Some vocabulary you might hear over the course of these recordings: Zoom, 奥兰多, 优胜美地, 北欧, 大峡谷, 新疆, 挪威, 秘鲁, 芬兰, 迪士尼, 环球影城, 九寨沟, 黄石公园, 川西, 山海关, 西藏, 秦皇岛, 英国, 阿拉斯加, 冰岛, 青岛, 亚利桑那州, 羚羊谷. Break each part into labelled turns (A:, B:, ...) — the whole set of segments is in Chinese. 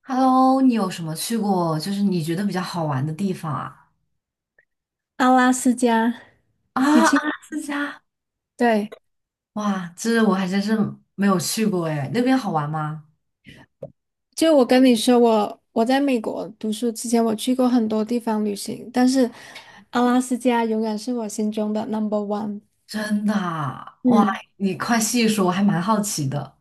A: Hello，你有什么去过，就是你觉得比较好玩的地方啊？
B: 阿拉斯加，你
A: 啊，阿
B: 去，
A: 拉斯加，
B: 对，
A: 哇，这我还真是没有去过哎，那边好玩吗？
B: 就我跟你说，我在美国读书之前，我去过很多地方旅行，但是阿拉斯加永远是我心中的 number one。
A: 真的啊哇，
B: 嗯，
A: 你快细说，我还蛮好奇的。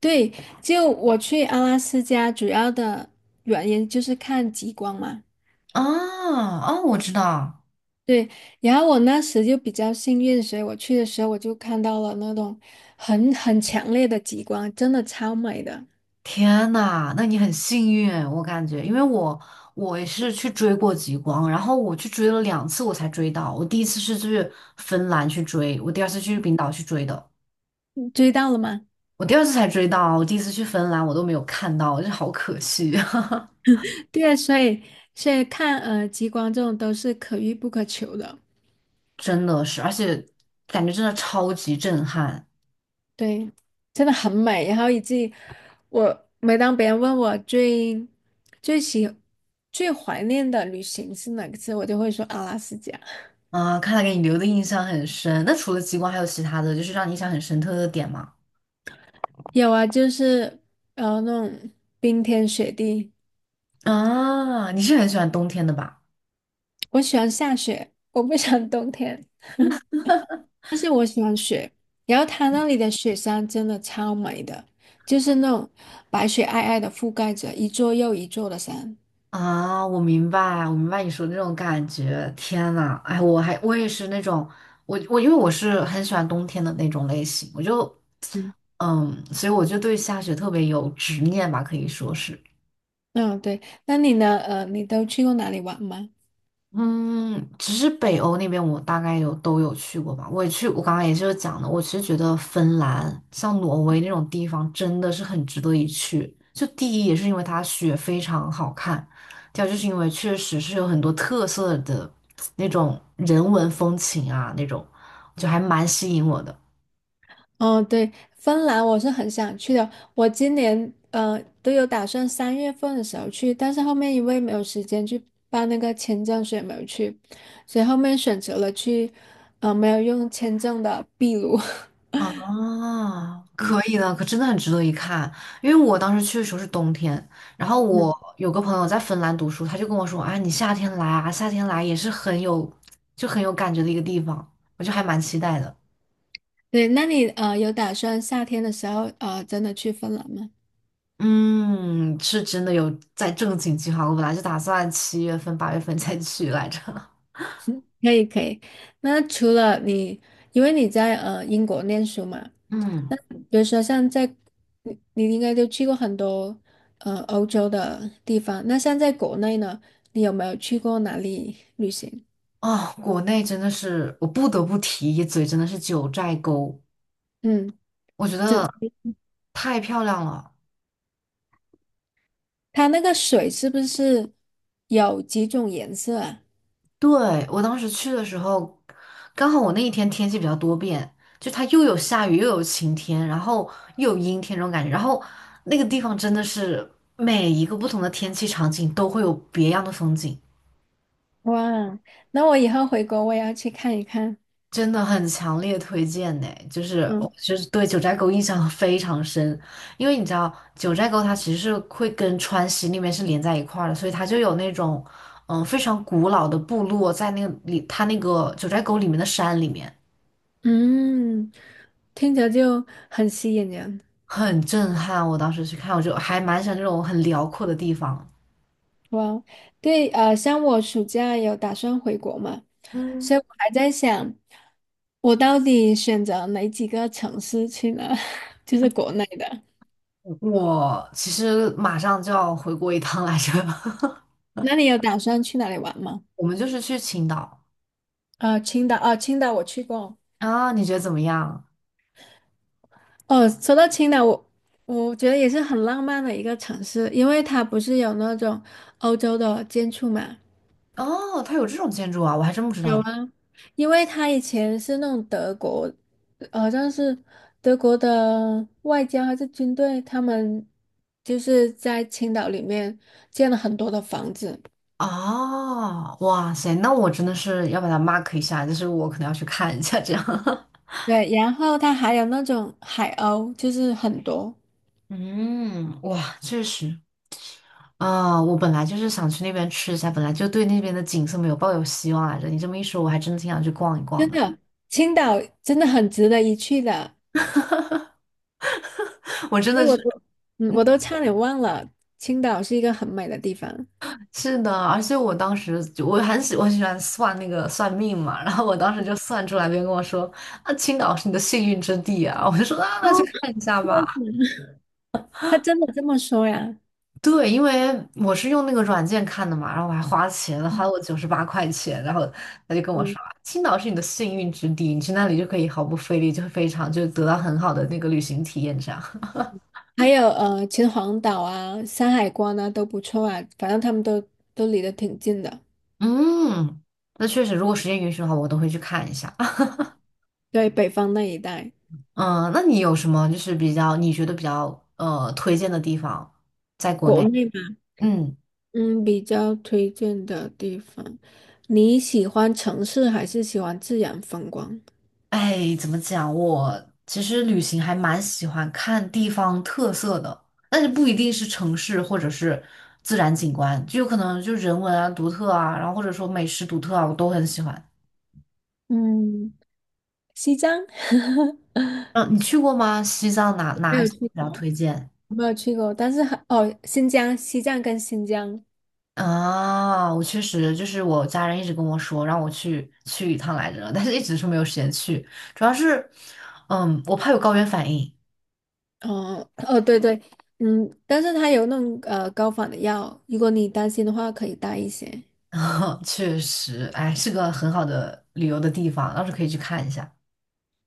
B: 对，就我去阿拉斯加主要的原因就是看极光嘛。
A: 啊啊，我知道，
B: 对，然后我那时就比较幸运，所以我去的时候我就看到了那种很强烈的极光，真的超美的。
A: 天呐，那你很幸运，我感觉，因为我也是去追过极光，然后我去追了2次，我才追到。我第一次是去芬兰去追，我第二次去冰岛去追的。
B: 追到了吗？
A: 我第二次才追到，我第一次去芬兰我都没有看到，就是好可惜，
B: 对，所以看极光这种都是可遇不可求的，
A: 真的是，而且感觉真的超级震撼
B: 对，真的很美。然后以及我每当别人问我最喜最怀念的旅行是哪个次，我就会说阿拉斯加。
A: 啊！看来给你留的印象很深。那除了极光，还有其他的就是让你印象很深刻的点吗？
B: 有啊，就是那种冰天雪地，
A: 啊，你是很喜欢冬天的吧？
B: 我喜欢下雪，我不喜欢冬天雪。然后它那里的雪山真的超美的，就是那种白雪皑皑的覆盖着一座又一座的山。
A: 啊，我明白，我明白你说的那种感觉。天呐，哎，我也是那种，我因为我是很喜欢冬天的那种类型，我就
B: 嗯
A: 嗯，所以我就对下雪特别有执念吧，可以说是。
B: 嗯，对，那你呢？你都去过哪里玩吗？
A: 嗯，其实北欧那边我大概有都有去过吧。我也去，我刚刚也就是讲的，我其实觉得芬兰像挪威那种地方真的是很值得一去。就第一也是因为它雪非常好看，第二就是因为确实是有很多特色的那种人文风情啊，那种就还蛮吸引我的。
B: 哦，对，芬兰我是很想去的，我今年都有打算三月份的时候去，但是后面因为没有时间去办那个签证，所以没有去，所以后面选择了去，没有用签证的秘鲁。
A: 啊，可
B: 嗯。
A: 以的，可真的很值得一看。因为我当时去的时候是冬天，然后
B: 嗯，
A: 我有个朋友在芬兰读书，他就跟我说啊，你夏天来啊，夏天来也是很有，就很有感觉的一个地方，我就还蛮期待的。
B: 对，那你有打算夏天的时候真的去芬兰吗？
A: 嗯，是真的有在正经计划，我本来就打算7月份、8月份再去来着。
B: 可以可以，那除了你，因为你在英国念书嘛，
A: 嗯，
B: 那比如说像在你应该都去过很多欧洲的地方，那像在国内呢，你有没有去过哪里旅行？
A: 啊，国内真的是我不得不提一嘴，真的是九寨沟，
B: 嗯，
A: 我觉
B: 就
A: 得太漂亮了。
B: 它那个水是不是有几种颜色啊？
A: 对，我当时去的时候，刚好我那一天天气比较多变，就它又有下雨，又有晴天，然后又有阴天这种感觉。然后那个地方真的是每一个不同的天气场景都会有别样的风景，
B: 哇，那我以后回国我也要去看一看。
A: 真的很强烈推荐呢。就是我
B: 嗯
A: 就是对九寨沟印象非常深，因为你知道九寨沟它其实是会跟川西那边是连在一块儿的，所以它就有那种非常古老的部落在那个里，它那个九寨沟里面的山里面。
B: 嗯，听着就很吸引人。
A: 很震撼。我当时去看，我就还蛮喜欢这种很辽阔的地方。
B: 哇哦，对，像我暑假有打算回国嘛，
A: 嗯，
B: 所以我还在想，我到底选择哪几个城市去呢？就是国内的。
A: 我其实马上就要回国一趟来着，
B: 那你有打算去哪里玩吗？
A: 我们就是去青岛
B: 青岛，啊、青岛我去过。
A: 啊，你觉得怎么样？
B: 哦，说到青岛，我觉得也是很浪漫的一个城市，因为它不是有那种欧洲的建筑嘛，
A: 哦，它有这种建筑啊，我还真不知道
B: 有
A: 呢。
B: 啊，因为他以前是那种德国，好像是德国的外交还是军队，他们就是在青岛里面建了很多的房子。
A: 哦，哇塞，那我真的是要把它 mark 一下，就是我可能要去看一下这样。
B: 对，然后他还有那种海鸥，就是很多，
A: 嗯，哇，确实啊，我本来就是想去那边吃一下，本来就对那边的景色没有抱有希望来着。你这么一说，我还真的挺想去逛一逛
B: 真
A: 的。
B: 的，青岛真的很值得一去的。
A: 我真
B: 因
A: 的
B: 为
A: 是
B: 我都，嗯，我都差点忘了，青岛是一个很美的地方。
A: 是的，而且我当时就我喜欢算那个算命嘛，然后我当时就算出来，别人跟我说啊，青岛是你的幸运之地啊，我就说啊，那
B: 哦，
A: 去看一下吧。
B: 他真的这么说呀？
A: 对，因为我是用那个软件看的嘛，然后我还花钱了，花了我98块钱，然后他就跟我
B: 嗯。
A: 说，啊青岛是你的幸运之地，你去那里就可以毫不费力，就非常就得到很好的那个旅行体验这样。
B: 还有秦皇岛啊、山海关啊都不错啊，反正他们都离得挺近的。
A: 嗯，那确实，如果时间允许的话，我都会去看一下。
B: 对，北方那一带，
A: 嗯，那你有什么就是比较你觉得比较推荐的地方，在国
B: 国
A: 内？
B: 内嘛，
A: 嗯，
B: 嗯，比较推荐的地方，你喜欢城市还是喜欢自然风光？
A: 哎，怎么讲？我其实旅行还蛮喜欢看地方特色的，但是不一定是城市或者是自然景观，就有可能就人文啊、独特啊，然后或者说美食独特啊，我都很喜欢。
B: 嗯，西藏
A: 嗯，你去过吗？西藏哪
B: 没
A: 哪一
B: 有
A: 些比
B: 去
A: 较
B: 过，
A: 推荐？
B: 我没有去过，但是还哦，新疆、西藏跟新疆，
A: 啊，我确实就是我家人一直跟我说让我去一趟来着，但是一直是没有时间去，主要是，嗯，我怕有高原反应。
B: 哦哦，对对，嗯，但是它有那种高仿的药，如果你担心的话，可以带一些。
A: 确实，哎，是个很好的旅游的地方，到时候可以去看一下。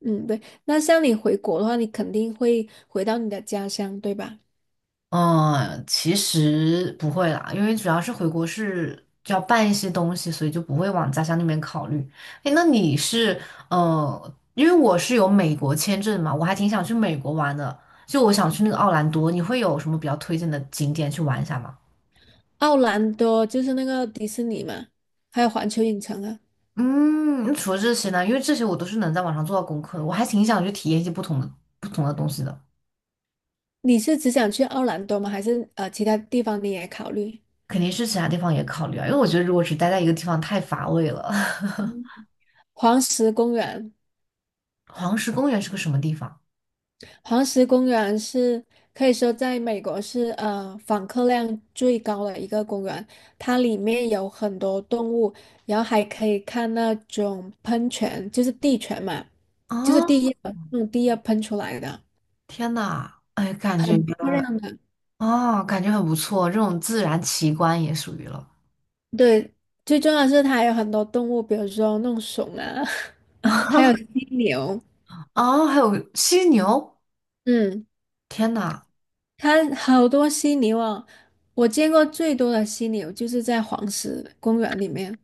B: 嗯，对。那像你回国的话，你肯定会回到你的家乡，对吧？
A: 嗯，其实不会啦，因为主要是回国是就要办一些东西，所以就不会往家乡那边考虑。哎，那你是因为我是有美国签证嘛，我还挺想去美国玩的，就我想去那个奥兰多，你会有什么比较推荐的景点去玩一下吗？
B: 奥兰多就是那个迪士尼嘛，还有环球影城啊。
A: 嗯，那除了这些呢，因为这些我都是能在网上做到功课的，我还挺想去体验一些不同的东西的。
B: 你是只想去奥兰多吗？还是其他地方你也考虑？
A: 肯定是其他地方也考虑啊，因为我觉得如果只待在一个地方太乏味了。
B: 黄石公园，
A: 黄石公园是个什么地方？
B: 黄石公园是可以说在美国是访客量最高的一个公园，它里面有很多动物，然后还可以看那种喷泉，就是地泉嘛，就是
A: 哦，
B: 地热那种地热喷出来的。
A: 天呐，哎，感觉
B: 很漂亮的。
A: 哦，感觉很不错，这种自然奇观也属于了。
B: 对，最重要的是它还有很多动物，比如说弄熊啊，还有 犀牛。
A: 啊。还有犀牛，
B: 嗯，
A: 天呐，
B: 它好多犀牛啊，我见过最多的犀牛就是在黄石公园里面。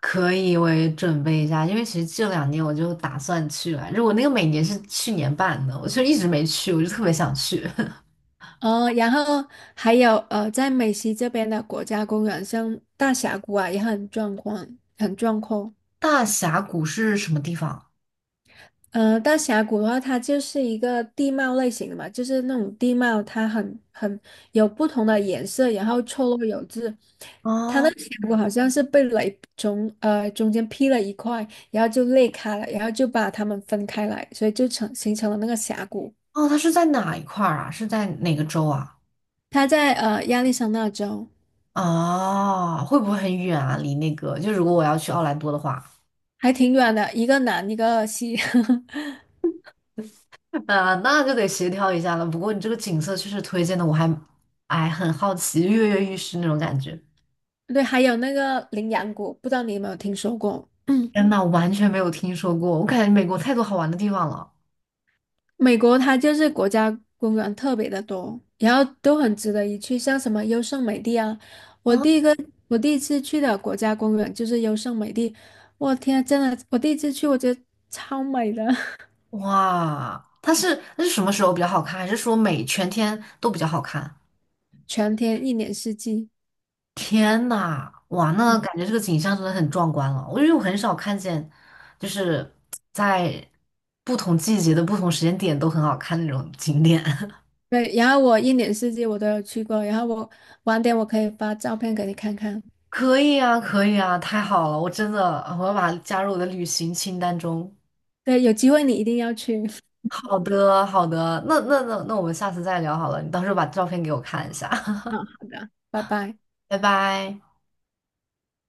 A: 可以，我也准备一下，因为其实这2年我就打算去来着，我那个每年是去年办的，我就一直没去，我就特别想去。
B: 哦，然后还有在美西这边的国家公园，像大峡谷啊，也很壮观，很壮阔。
A: 大峡谷是什么地方？
B: 大峡谷的话，它就是一个地貌类型的嘛，就是那种地貌，它很有不同的颜色，然后错落有致。它
A: 啊？
B: 那个峡谷好像是被雷从中间劈了一块，然后就裂开了，然后就把它们分开来，所以就形成了那个峡谷。
A: 哦，它是在哪一块儿啊？是在哪个州啊？
B: 它在亚利桑那州，
A: 啊，会不会很远啊？离那个，就如果我要去奥兰多的话。
B: 还挺远的，一个南一个西。
A: 啊，那就得协调一下了。不过你这个景色确实推荐的，我还哎很好奇，跃跃欲试那种感觉。
B: 对，还有那个羚羊谷，不知道你有没有听说过？
A: 天 呐，我完全没有听说过，我感觉美国太多好玩的地方了。
B: 美国它就是国家公园特别的多，然后都很值得一去，像什么优胜美地啊，我
A: 啊，
B: 第一个我第一次去的国家公园就是优胜美地，我天啊，真的，我第一次去我觉得超美的，
A: 哇，它是那是什么时候比较好看？还是说每全天都比较好看？
B: 全天一年四季，
A: 天呐，哇，
B: 嗯
A: 那感觉这个景象真的很壮观了。我因为我很少看见，就是在不同季节的不同时间点都很好看那种景点。
B: 对，然后我一年四季我都有去过，然后晚点我可以发照片给你看看，
A: 可以啊，可以啊，太好了！我真的，我要把它加入我的旅行清单中。
B: 对，有机会你一定要去，
A: 好的，好的，那我们下次再聊好了，你到时候把照片给我看一下，
B: 嗯，好的，拜拜。
A: 拜拜。